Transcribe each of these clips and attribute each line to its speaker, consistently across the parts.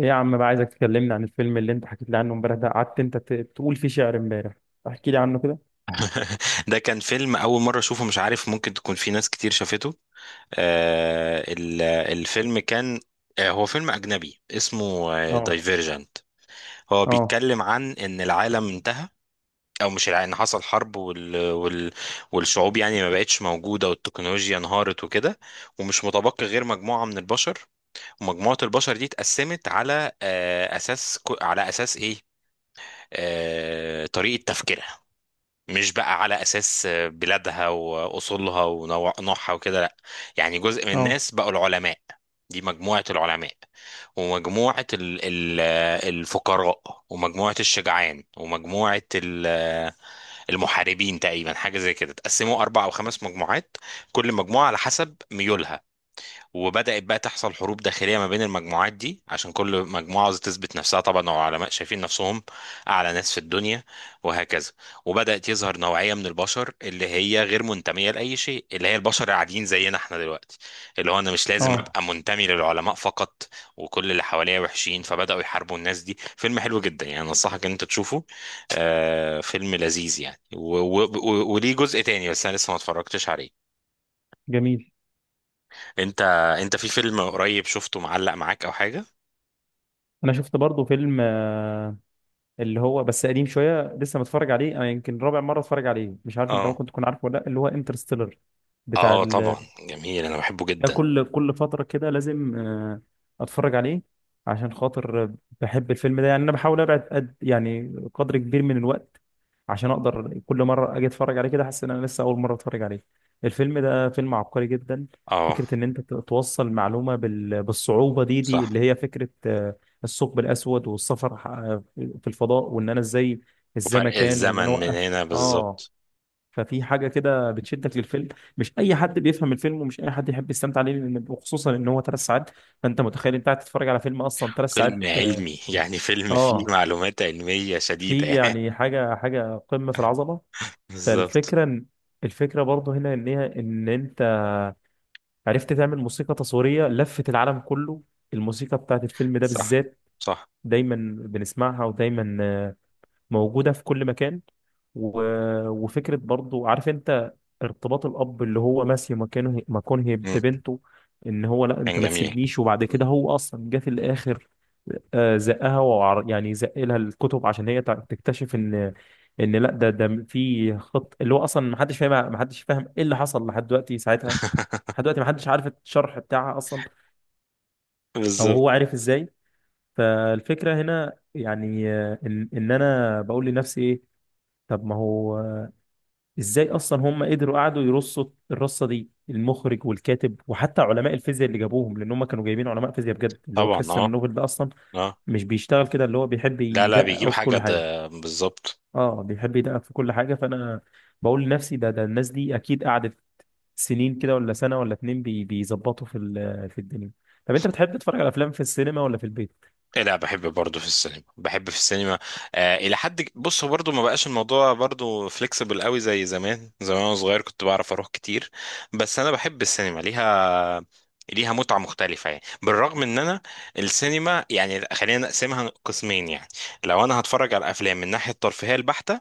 Speaker 1: ايه يا عم بقى، عايزك تكلمني عن الفيلم اللي انت حكيت لي عنه امبارح ده. قعدت انت تقول فيه شعر امبارح. احكي لي عنه كده.
Speaker 2: ده كان فيلم أول مرة أشوفه، مش عارف ممكن تكون في ناس كتير شافته. الفيلم كان، هو فيلم أجنبي اسمه
Speaker 1: اه،
Speaker 2: دايفيرجنت. هو
Speaker 1: اه،
Speaker 2: بيتكلم عن إن العالم انتهى، أو مش إن حصل حرب والشعوب يعني ما بقتش موجودة، والتكنولوجيا انهارت وكده. ومش متبقي غير مجموعة من البشر، ومجموعة البشر دي اتقسمت على أساس، على أساس إيه؟ طريقة تفكيرها، مش بقى على أساس بلادها وأصولها ونوعها وكده، لأ. يعني جزء من
Speaker 1: اه،
Speaker 2: الناس بقوا العلماء، دي مجموعة العلماء، ومجموعة ال ال الفقراء، ومجموعة الشجعان، ومجموعة المحاربين تقريبا، حاجة زي كده. تقسموا أربع أو خمس مجموعات، كل مجموعة على حسب ميولها. وبدأت بقى تحصل حروب داخلية ما بين المجموعات دي، عشان كل مجموعة عاوزة تثبت نفسها طبعا، وعلماء شايفين نفسهم أعلى ناس في الدنيا وهكذا. وبدأت يظهر نوعية من البشر اللي هي غير منتمية لأي شيء، اللي هي البشر العاديين زينا احنا دلوقتي، اللي هو أنا مش لازم
Speaker 1: اه.
Speaker 2: أبقى منتمي للعلماء فقط، وكل اللي حواليا وحشين، فبدأوا يحاربوا الناس دي. فيلم حلو جدا يعني، أنصحك إن أنت تشوفه. فيلم لذيذ يعني، وليه جزء تاني، بس أنا لسه ما اتفرجتش عليه.
Speaker 1: جميل.
Speaker 2: انت انت في فيلم قريب شفته معلق معاك او حاجه؟
Speaker 1: انا شفت برضو فيلم، اللي هو بس قديم شويه لسه متفرج عليه. انا يمكن رابع مره اتفرج عليه. مش عارف انت
Speaker 2: اه.
Speaker 1: ممكن تكون عارفه ولا لا، اللي هو انترستيلر. بتاع.
Speaker 2: اه طبعا، جميل، انا بحبه
Speaker 1: ده
Speaker 2: جدا.
Speaker 1: كل فترة كده لازم، اتفرج عليه عشان خاطر بحب الفيلم ده. يعني انا بحاول ابعد يعني قدر كبير من الوقت عشان اقدر كل مرة اجي اتفرج عليه كده احس ان انا لسه اول مرة اتفرج عليه. الفيلم ده فيلم عبقري جدا.
Speaker 2: اه
Speaker 1: فكرة ان انت توصل معلومة بالصعوبة دي
Speaker 2: صح،
Speaker 1: اللي هي فكرة، الثقب الاسود والسفر، في الفضاء، وان انا ازاي
Speaker 2: وفرق
Speaker 1: الزمكان، وان انا
Speaker 2: الزمن من
Speaker 1: اوقف.
Speaker 2: هنا
Speaker 1: اه.
Speaker 2: بالظبط.
Speaker 1: ففي حاجة كده بتشدك للفيلم. مش أي حد بيفهم الفيلم ومش أي حد يحب يستمتع عليه، لأن وخصوصا إن هو 3 ساعات. فأنت متخيل أنت قاعد تتفرج على فيلم أصلا ثلاث
Speaker 2: فيلم
Speaker 1: ساعات .
Speaker 2: علمي يعني، فيلم فيه
Speaker 1: آه،
Speaker 2: معلومات علميه
Speaker 1: في
Speaker 2: شديده
Speaker 1: يعني حاجة قمة في العظمة.
Speaker 2: بالظبط.
Speaker 1: فالفكرة إن- الفكرة برضه هنا إن هي، إن أنت عرفت تعمل موسيقى تصويرية لفت العالم كله. الموسيقى بتاعت الفيلم ده
Speaker 2: صح
Speaker 1: بالذات،
Speaker 2: صح.
Speaker 1: دايما بنسمعها ودايما موجودة في كل مكان. و... وفكرة برضو، عارف انت، ارتباط الأب اللي هو ماسي مكانه
Speaker 2: مم.
Speaker 1: ببنته. ان هو، لا انت
Speaker 2: كان
Speaker 1: ما
Speaker 2: جميل.
Speaker 1: تسيبنيش، وبعد
Speaker 2: مم.
Speaker 1: كده هو اصلا جه في الاخر. زقها يعني زق لها الكتب عشان هي تكتشف ان، ان لا، ده في خط اللي هو اصلا ما حدش فاهم ايه اللي حصل لحد دلوقتي ساعتها. لحد دلوقتي ما حدش عارف الشرح بتاعها اصلا، او
Speaker 2: بالظبط.
Speaker 1: هو عارف ازاي. فالفكرة هنا يعني، ان انا بقول لنفسي ايه. طب ما هو، ازاي اصلا هم قدروا قعدوا يرصوا الرصه دي، المخرج والكاتب وحتى علماء الفيزياء اللي جابوهم، لان هم كانوا جايبين علماء فيزياء بجد. اللي هو
Speaker 2: طبعا
Speaker 1: كريستيان
Speaker 2: اه.
Speaker 1: نوبل ده اصلا
Speaker 2: اه.
Speaker 1: مش بيشتغل كده، اللي هو بيحب
Speaker 2: لا لا،
Speaker 1: يدقق
Speaker 2: بيجيب
Speaker 1: قوي في
Speaker 2: حاجه
Speaker 1: كل حاجه.
Speaker 2: ده بالظبط.
Speaker 1: اه. بيحب يدقق في كل حاجه، فانا بقول لنفسي ده الناس دي اكيد قعدت سنين كده، ولا سنه ولا اتنين بيظبطوا في الدنيا. طب انت بتحب تتفرج على افلام في السينما ولا في البيت؟
Speaker 2: إيه، لا بحب برضه في السينما، بحب في السينما. الى حد بص، هو برضه ما بقاش الموضوع برضه فليكسبل قوي زي زمان. زمان وانا صغير كنت بعرف اروح كتير، بس انا بحب السينما، ليها متعة مختلفة، يعني بالرغم ان انا السينما يعني خلينا نقسمها قسمين يعني. لو انا هتفرج على افلام من ناحية الترفيهية البحتة،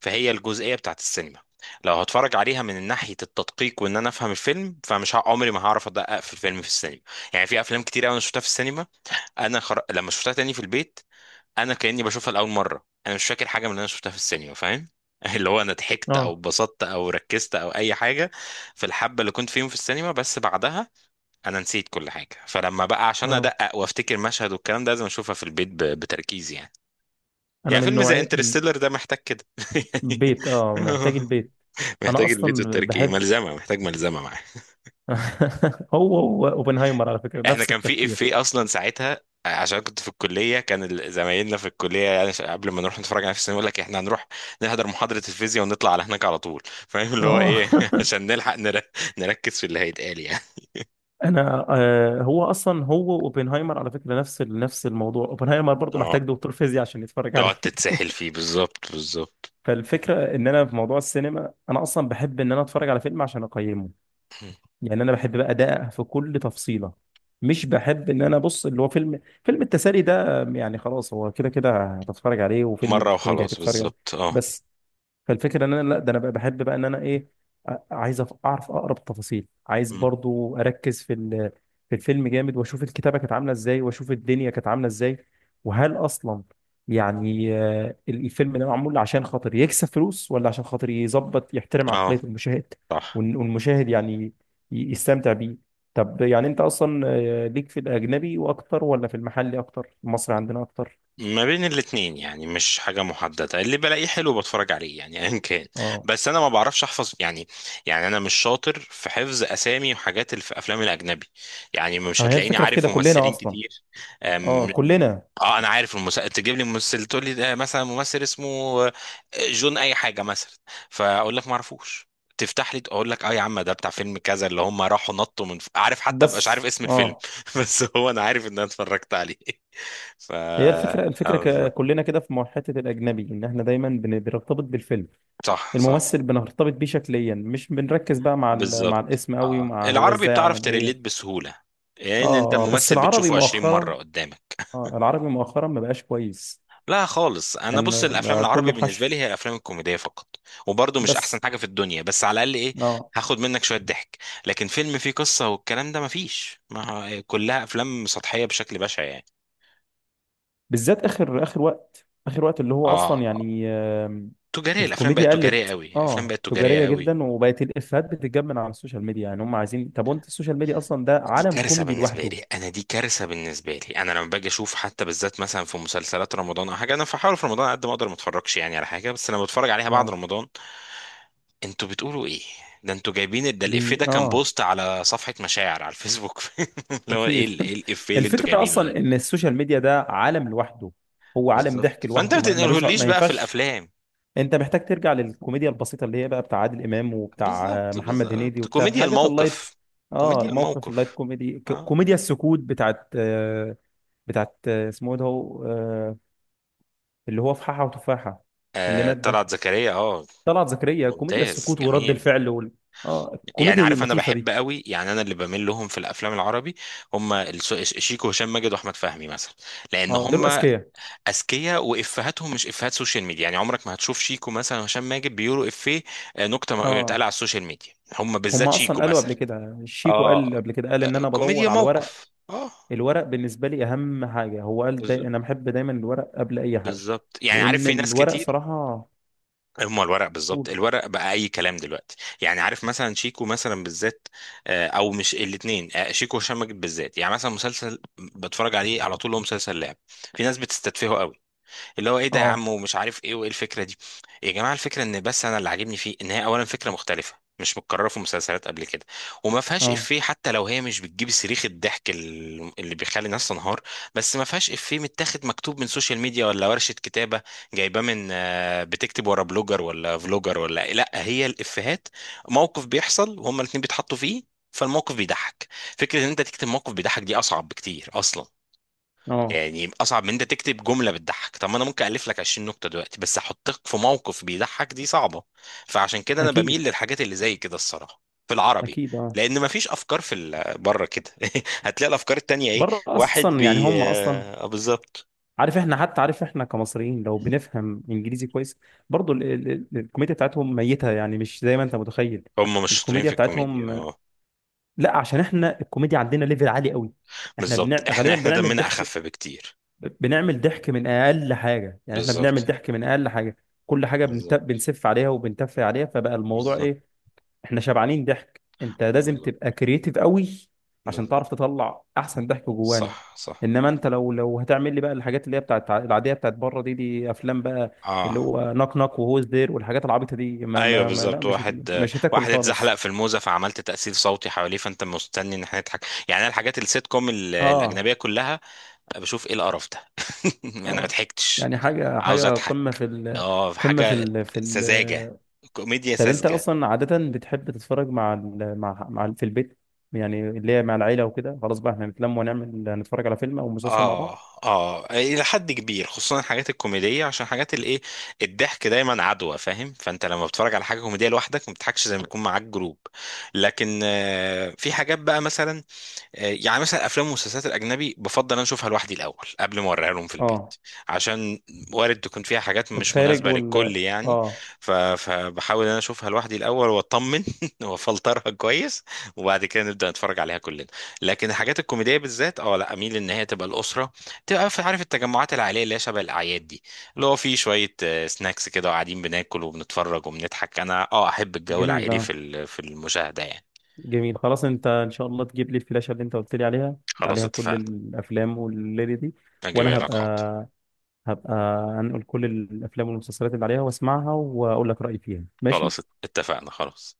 Speaker 2: فهي الجزئية بتاعت السينما. لو هتفرج عليها من ناحية التدقيق، وان انا افهم الفيلم، فمش عمري ما هعرف ادقق في الفيلم في السينما. يعني في افلام كتير قوي انا شفتها في السينما، انا لما شفتها تاني في البيت انا كاني بشوفها لاول مره، انا مش فاكر حاجه من اللي انا شفتها في السينما، فاهم؟ اللي هو انا ضحكت او
Speaker 1: اه.
Speaker 2: اتبسطت او ركزت او اي حاجه في الحبه اللي كنت فيهم في السينما، بس بعدها انا نسيت كل حاجه. فلما بقى عشان
Speaker 1: اه.
Speaker 2: ادقق وافتكر مشهد والكلام ده لازم اشوفها في البيت بتركيز يعني.
Speaker 1: انا
Speaker 2: يعني
Speaker 1: من
Speaker 2: فيلم زي
Speaker 1: نوعيه من
Speaker 2: انترستيلر ده محتاج كده يعني.
Speaker 1: بيت، محتاج البيت. انا
Speaker 2: محتاج البيت
Speaker 1: اصلا
Speaker 2: والتركيز،
Speaker 1: بحب.
Speaker 2: ملزمه، محتاج ملزمه معاه.
Speaker 1: هو اوبنهايمر على فكرة
Speaker 2: احنا
Speaker 1: نفس
Speaker 2: كان في
Speaker 1: التفكير.
Speaker 2: افيه اصلا ساعتها، عشان كنت في الكليه، كان زمايلنا في الكليه يعني قبل ما نروح نتفرج على في السينما يقول لك احنا هنروح نحضر محاضره الفيزياء ونطلع على هناك على طول، فاهم اللي هو
Speaker 1: اه.
Speaker 2: ايه عشان نلحق نركز في اللي هيتقال يعني.
Speaker 1: انا هو اوبنهايمر، على فكرة نفس نفس الموضوع. اوبنهايمر برضو
Speaker 2: اه،
Speaker 1: محتاج دكتور فيزياء عشان يتفرج
Speaker 2: تقعد
Speaker 1: عليه.
Speaker 2: تتسحل فيه، بالظبط بالظبط.
Speaker 1: فالفكرة ان انا في موضوع السينما، انا اصلا بحب ان انا اتفرج على فيلم عشان اقيمه. يعني انا بحب بقى ادقق في كل تفصيلة. مش بحب ان انا ابص اللي هو فيلم التسالي ده يعني خلاص، هو كده كده هتتفرج عليه، وفيلم
Speaker 2: مره
Speaker 1: الكوميديا
Speaker 2: وخلاص،
Speaker 1: هتتفرج عليه
Speaker 2: بالظبط اه.
Speaker 1: بس. فالفكره ان انا لا، ده انا بقى بحب بقى ان انا ايه، عايز اعرف اقرب التفاصيل. عايز
Speaker 2: م.
Speaker 1: برضو اركز في الفيلم جامد، واشوف الكتابه كانت عامله ازاي، واشوف الدنيا كانت عامله ازاي. وهل اصلا، يعني الفيلم ده معمول عشان خاطر يكسب فلوس، ولا عشان خاطر يظبط يحترم عقليه
Speaker 2: اه
Speaker 1: المشاهد
Speaker 2: صح.
Speaker 1: والمشاهد يعني يستمتع بيه. طب يعني انت اصلا، ليك في الاجنبي واكتر، ولا في المحلي اكتر المصري عندنا اكتر؟
Speaker 2: ما بين الاتنين، يعني مش حاجة محددة، اللي بلاقيه حلو بتفرج عليه يعني ايا كان.
Speaker 1: اه.
Speaker 2: بس انا ما بعرفش احفظ يعني، يعني انا مش شاطر في حفظ اسامي وحاجات اللي في افلام الاجنبي، يعني مش
Speaker 1: ما هي
Speaker 2: هتلاقيني
Speaker 1: الفكره في
Speaker 2: عارف
Speaker 1: كده كلنا
Speaker 2: ممثلين
Speaker 1: اصلا.
Speaker 2: كتير.
Speaker 1: اه،
Speaker 2: أم،
Speaker 1: كلنا.
Speaker 2: اه انا عارف المسلسل تجيب لي ممثل تقول لي ده مثلا ممثل اسمه آه، جون اي حاجة مثلا، فاقول لك ما اعرفوش، تفتح لي اقول لك اه يا عم، ده بتاع فيلم كذا اللي هم راحوا نطوا من عارف، حتى مبقاش عارف
Speaker 1: بس
Speaker 2: اسم الفيلم. بس هو انا عارف ان انا اتفرجت عليه. ف
Speaker 1: هي الفكرة كلنا كده في حتة الأجنبي، إن إحنا دايما بنرتبط بالفيلم.
Speaker 2: صح صح،
Speaker 1: الممثل بنرتبط بيه شكليا، مش بنركز بقى مع
Speaker 2: بالظبط
Speaker 1: الاسم قوي،
Speaker 2: اه.
Speaker 1: ومع هو
Speaker 2: العربي
Speaker 1: إزاي
Speaker 2: بتعرف
Speaker 1: عمل
Speaker 2: تريليت
Speaker 1: إيه.
Speaker 2: بسهولة، يعني انت
Speaker 1: آه، آه، بس
Speaker 2: الممثل
Speaker 1: العربي
Speaker 2: بتشوفه 20 مرة
Speaker 1: مؤخرا.
Speaker 2: قدامك.
Speaker 1: العربي مؤخرا ما بقاش كويس.
Speaker 2: لا خالص، انا بص
Speaker 1: يعني
Speaker 2: الافلام
Speaker 1: بقى
Speaker 2: العربي
Speaker 1: كله
Speaker 2: بالنسبة
Speaker 1: حشو
Speaker 2: لي هي الافلام الكوميدية فقط، وبرضه مش احسن
Speaker 1: بس.
Speaker 2: حاجة في الدنيا، بس على الاقل ايه،
Speaker 1: آه
Speaker 2: هاخد منك شوية ضحك. لكن فيلم فيه قصة والكلام ده مفيش، ما هو كلها افلام سطحية بشكل بشع يعني.
Speaker 1: بالذات اخر اخر وقت اللي
Speaker 2: اه
Speaker 1: هو اصلا
Speaker 2: آه.
Speaker 1: يعني،
Speaker 2: تجارية، الافلام بقت
Speaker 1: الكوميديا
Speaker 2: تجارية
Speaker 1: قلت،
Speaker 2: قوي، الافلام بقت تجارية
Speaker 1: تجاريه
Speaker 2: قوي.
Speaker 1: جدا، وبقت الافيهات بتتجاب من على السوشيال ميديا. يعني هم عايزين، طب وانت السوشيال ميديا اصلا ده
Speaker 2: دي
Speaker 1: عالم
Speaker 2: كارثة
Speaker 1: كوميدي
Speaker 2: بالنسبة
Speaker 1: لوحده.
Speaker 2: لي أنا، دي كارثة بالنسبة لي أنا، لما باجي أشوف حتى بالذات مثلا في مسلسلات رمضان أو حاجة، أنا بحاول في رمضان على قد ما أقدر ما أتفرجش يعني على حاجة، بس لما بتفرج عليها بعد
Speaker 1: اه.
Speaker 2: رمضان أنتوا بتقولوا إيه؟ ده أنتوا جايبين، ده الإفيه ده كان
Speaker 1: اه،
Speaker 2: بوست على صفحة مشاعر على الفيسبوك. اللي هو إيه
Speaker 1: اكيد.
Speaker 2: إيه الإفيه اللي أنتوا
Speaker 1: الفكره
Speaker 2: جايبينه ده؟
Speaker 1: اصلا ان السوشيال ميديا ده عالم لوحده. هو عالم ضحك
Speaker 2: بالظبط، فأنت
Speaker 1: لوحده
Speaker 2: ما
Speaker 1: ما ملوش،
Speaker 2: تنقلهوليش
Speaker 1: ما
Speaker 2: بقى في
Speaker 1: ينفعش.
Speaker 2: الأفلام.
Speaker 1: انت محتاج ترجع للكوميديا البسيطه اللي هي بقى بتاع عادل امام، وبتاع،
Speaker 2: بالظبط
Speaker 1: محمد هنيدي،
Speaker 2: بالظبط،
Speaker 1: وبتاع
Speaker 2: كوميديا
Speaker 1: الحاجات اللايت.
Speaker 2: الموقف.
Speaker 1: اه،
Speaker 2: كوميديا
Speaker 1: الموقف اللايت
Speaker 2: الموقف،
Speaker 1: كوميدي،
Speaker 2: أه.
Speaker 1: كوميديا السكوت بتاعت اسمه ايه ده، هو، اللي هو فححة وتفاحة، اللي مات ده
Speaker 2: طلعت زكريا، أه.
Speaker 1: طلعت زكريا. كوميديا
Speaker 2: ممتاز،
Speaker 1: السكوت ورد
Speaker 2: جميل.
Speaker 1: الفعل اه،
Speaker 2: يعني
Speaker 1: الكوميديا دي
Speaker 2: عارف انا
Speaker 1: اللطيفة
Speaker 2: بحب
Speaker 1: دي.
Speaker 2: قوي، يعني انا اللي بميل لهم في الافلام العربي هم شيكو، هشام ماجد واحمد فهمي مثلا، لان
Speaker 1: اه، دول
Speaker 2: هم
Speaker 1: اذكياء.
Speaker 2: اذكياء، وافهاتهم مش افهات سوشيال ميديا، يعني عمرك ما هتشوف شيكو مثلا وهشام ماجد بيقولوا افيه نكته اتقال
Speaker 1: اه،
Speaker 2: على السوشيال ميديا. هم
Speaker 1: هم
Speaker 2: بالذات شيكو
Speaker 1: اصلا قالوا
Speaker 2: مثلا.
Speaker 1: قبل كده، شيكو
Speaker 2: اه،
Speaker 1: قال قبل كده، قال ان انا
Speaker 2: كوميديا
Speaker 1: بدور على الورق.
Speaker 2: موقف اه.
Speaker 1: الورق بالنسبة لي اهم حاجة. هو قال،
Speaker 2: بالظبط
Speaker 1: انا بحب دايما الورق قبل اي حاجة.
Speaker 2: بالظبط، يعني عارف
Speaker 1: لان
Speaker 2: في ناس
Speaker 1: الورق
Speaker 2: كتير،
Speaker 1: صراحة.
Speaker 2: هما الورق بالظبط، الورق بقى اي كلام دلوقتي. يعني عارف مثلا شيكو مثلا بالذات، او مش الاثنين، شيكو وهشام ماجد بالذات، يعني مثلا مسلسل بتفرج عليه على طول هو مسلسل لعب، في ناس بتستتفهه قوي، اللي هو ايه ده يا عم
Speaker 1: اه،
Speaker 2: ومش عارف ايه وايه الفكره دي. يا جماعه الفكره ان بس انا اللي عاجبني فيه ان هي اولا فكره مختلفه مش متكرره في مسلسلات قبل كده، وما فيهاش
Speaker 1: اه،
Speaker 2: افيه، حتى لو هي مش بتجيب صريخ الضحك اللي بيخلي الناس تنهار، بس ما فيهاش افيه متاخد مكتوب من سوشيال ميديا، ولا ورشه كتابه جايباه من بتكتب ورا بلوجر ولا فلوجر ولا إيه. لا، هي الافيهات موقف بيحصل وهما الاتنين بيتحطوا فيه، فالموقف بيضحك. فكره ان انت تكتب موقف بيضحك دي اصعب بكتير اصلا،
Speaker 1: اه،
Speaker 2: يعني اصعب من انت تكتب جمله بتضحك. طب ما انا ممكن الف لك 20 نكته دلوقتي، بس احطك في موقف بيضحك دي صعبه. فعشان كده انا
Speaker 1: اكيد،
Speaker 2: بميل للحاجات اللي زي كده، الصراحه في العربي،
Speaker 1: اكيد، اه.
Speaker 2: لان مفيش افكار في بره كده. هتلاقي الافكار التانية ايه؟
Speaker 1: بره
Speaker 2: واحد
Speaker 1: اصلا، يعني
Speaker 2: بي
Speaker 1: هم اصلا،
Speaker 2: بالظبط.
Speaker 1: عارف احنا كمصريين لو بنفهم انجليزي كويس، برضو الكوميديا بتاعتهم ميتة، يعني مش زي ما انت متخيل.
Speaker 2: هم مش شاطرين
Speaker 1: الكوميديا
Speaker 2: في الكوميديا
Speaker 1: بتاعتهم
Speaker 2: اه.
Speaker 1: لا، عشان احنا الكوميديا عندنا ليفل عالي قوي. احنا
Speaker 2: بالظبط، احنا
Speaker 1: غالبا
Speaker 2: احنا
Speaker 1: بنعمل
Speaker 2: دمنا
Speaker 1: ضحك.
Speaker 2: اخف بكتير.
Speaker 1: بنعمل ضحك من اقل حاجة، يعني احنا بنعمل
Speaker 2: بالظبط
Speaker 1: ضحك من اقل حاجة. كل حاجة
Speaker 2: بالظبط
Speaker 1: بنسف عليها وبنتف عليها، فبقى الموضوع
Speaker 2: بالظبط
Speaker 1: ايه؟ احنا شبعانين ضحك، انت لازم تبقى
Speaker 2: بالظبط
Speaker 1: كرييتيف قوي عشان
Speaker 2: بالظبط.
Speaker 1: تعرف تطلع احسن ضحك جوانا.
Speaker 2: صح صح
Speaker 1: انما انت لو هتعمل لي بقى الحاجات اللي هي بتاعت العاديه بتاعت بره دي افلام بقى اللي
Speaker 2: اه.
Speaker 1: هو نوك نوك وهوز دير والحاجات العبيطه دي، ما
Speaker 2: ايوه
Speaker 1: ما, ما لا،
Speaker 2: بالظبط،
Speaker 1: مش
Speaker 2: واحد
Speaker 1: مش هتاكل
Speaker 2: واحد اتزحلق
Speaker 1: خالص.
Speaker 2: في الموزه فعملت تاثير صوتي حواليه، فانت مستني ان احنا نضحك. يعني انا الحاجات السيت كوم
Speaker 1: اه.
Speaker 2: الاجنبيه كلها بشوف ايه القرف ده. انا ما
Speaker 1: اه.
Speaker 2: ضحكتش،
Speaker 1: يعني حاجه
Speaker 2: عاوز
Speaker 1: حاجه
Speaker 2: اضحك.
Speaker 1: قمه في ال
Speaker 2: اه
Speaker 1: قمه في
Speaker 2: حاجه،
Speaker 1: ال في
Speaker 2: سذاجه،
Speaker 1: ال
Speaker 2: كوميديا
Speaker 1: طب انت
Speaker 2: ساذجه.
Speaker 1: اصلا عاده بتحب تتفرج مع ال مع مع في البيت، يعني اللي هي مع العيله وكده، خلاص بقى احنا نتلم نتفرج على فيلم او مسلسل مع بعض.
Speaker 2: اه. اه الى حد كبير، خصوصا الحاجات الكوميديه، عشان حاجات الايه الضحك دايما عدوى فاهم. فانت لما بتتفرج على حاجه كوميديه لوحدك ما بتضحكش زي ما يكون معاك جروب. لكن في حاجات بقى مثلا، يعني مثلا افلام ومسلسلات الاجنبي بفضل انا اشوفها لوحدي الاول قبل ما اوريها لهم في البيت،
Speaker 1: اه.
Speaker 2: عشان وارد تكون فيها حاجات مش
Speaker 1: الخارج
Speaker 2: مناسبه
Speaker 1: وال
Speaker 2: للكل يعني.
Speaker 1: اه،
Speaker 2: فبحاول انا اشوفها لوحدي الاول واطمن، وافلترها كويس، وبعد كده نبدا نتفرج عليها كلنا. لكن الحاجات الكوميديه بالذات، اه لا، اميل ان هي تبقى الاسره، تبقى في عارف التجمعات العائليه اللي هي شبه الاعياد دي، اللي هو في شويه سناكس كده، وقاعدين بناكل وبنتفرج وبنضحك، انا اه احب الجو
Speaker 1: جميل.
Speaker 2: العائلي في
Speaker 1: اه،
Speaker 2: في المشاهده يعني.
Speaker 1: جميل، خلاص. انت ان شاء الله تجيب لي الفلاشة اللي انت قلت لي عليها،
Speaker 2: خلاص
Speaker 1: عليها كل
Speaker 2: اتفقنا،
Speaker 1: الافلام والليلة دي.
Speaker 2: اجيبها
Speaker 1: وانا
Speaker 2: لك
Speaker 1: هبقى
Speaker 2: حاضر.
Speaker 1: هبقى هنقول كل الافلام والمسلسلات اللي عليها، واسمعها واقول لك رأيي فيها،
Speaker 2: خلاص
Speaker 1: ماشي.
Speaker 2: اتفقنا خلاص.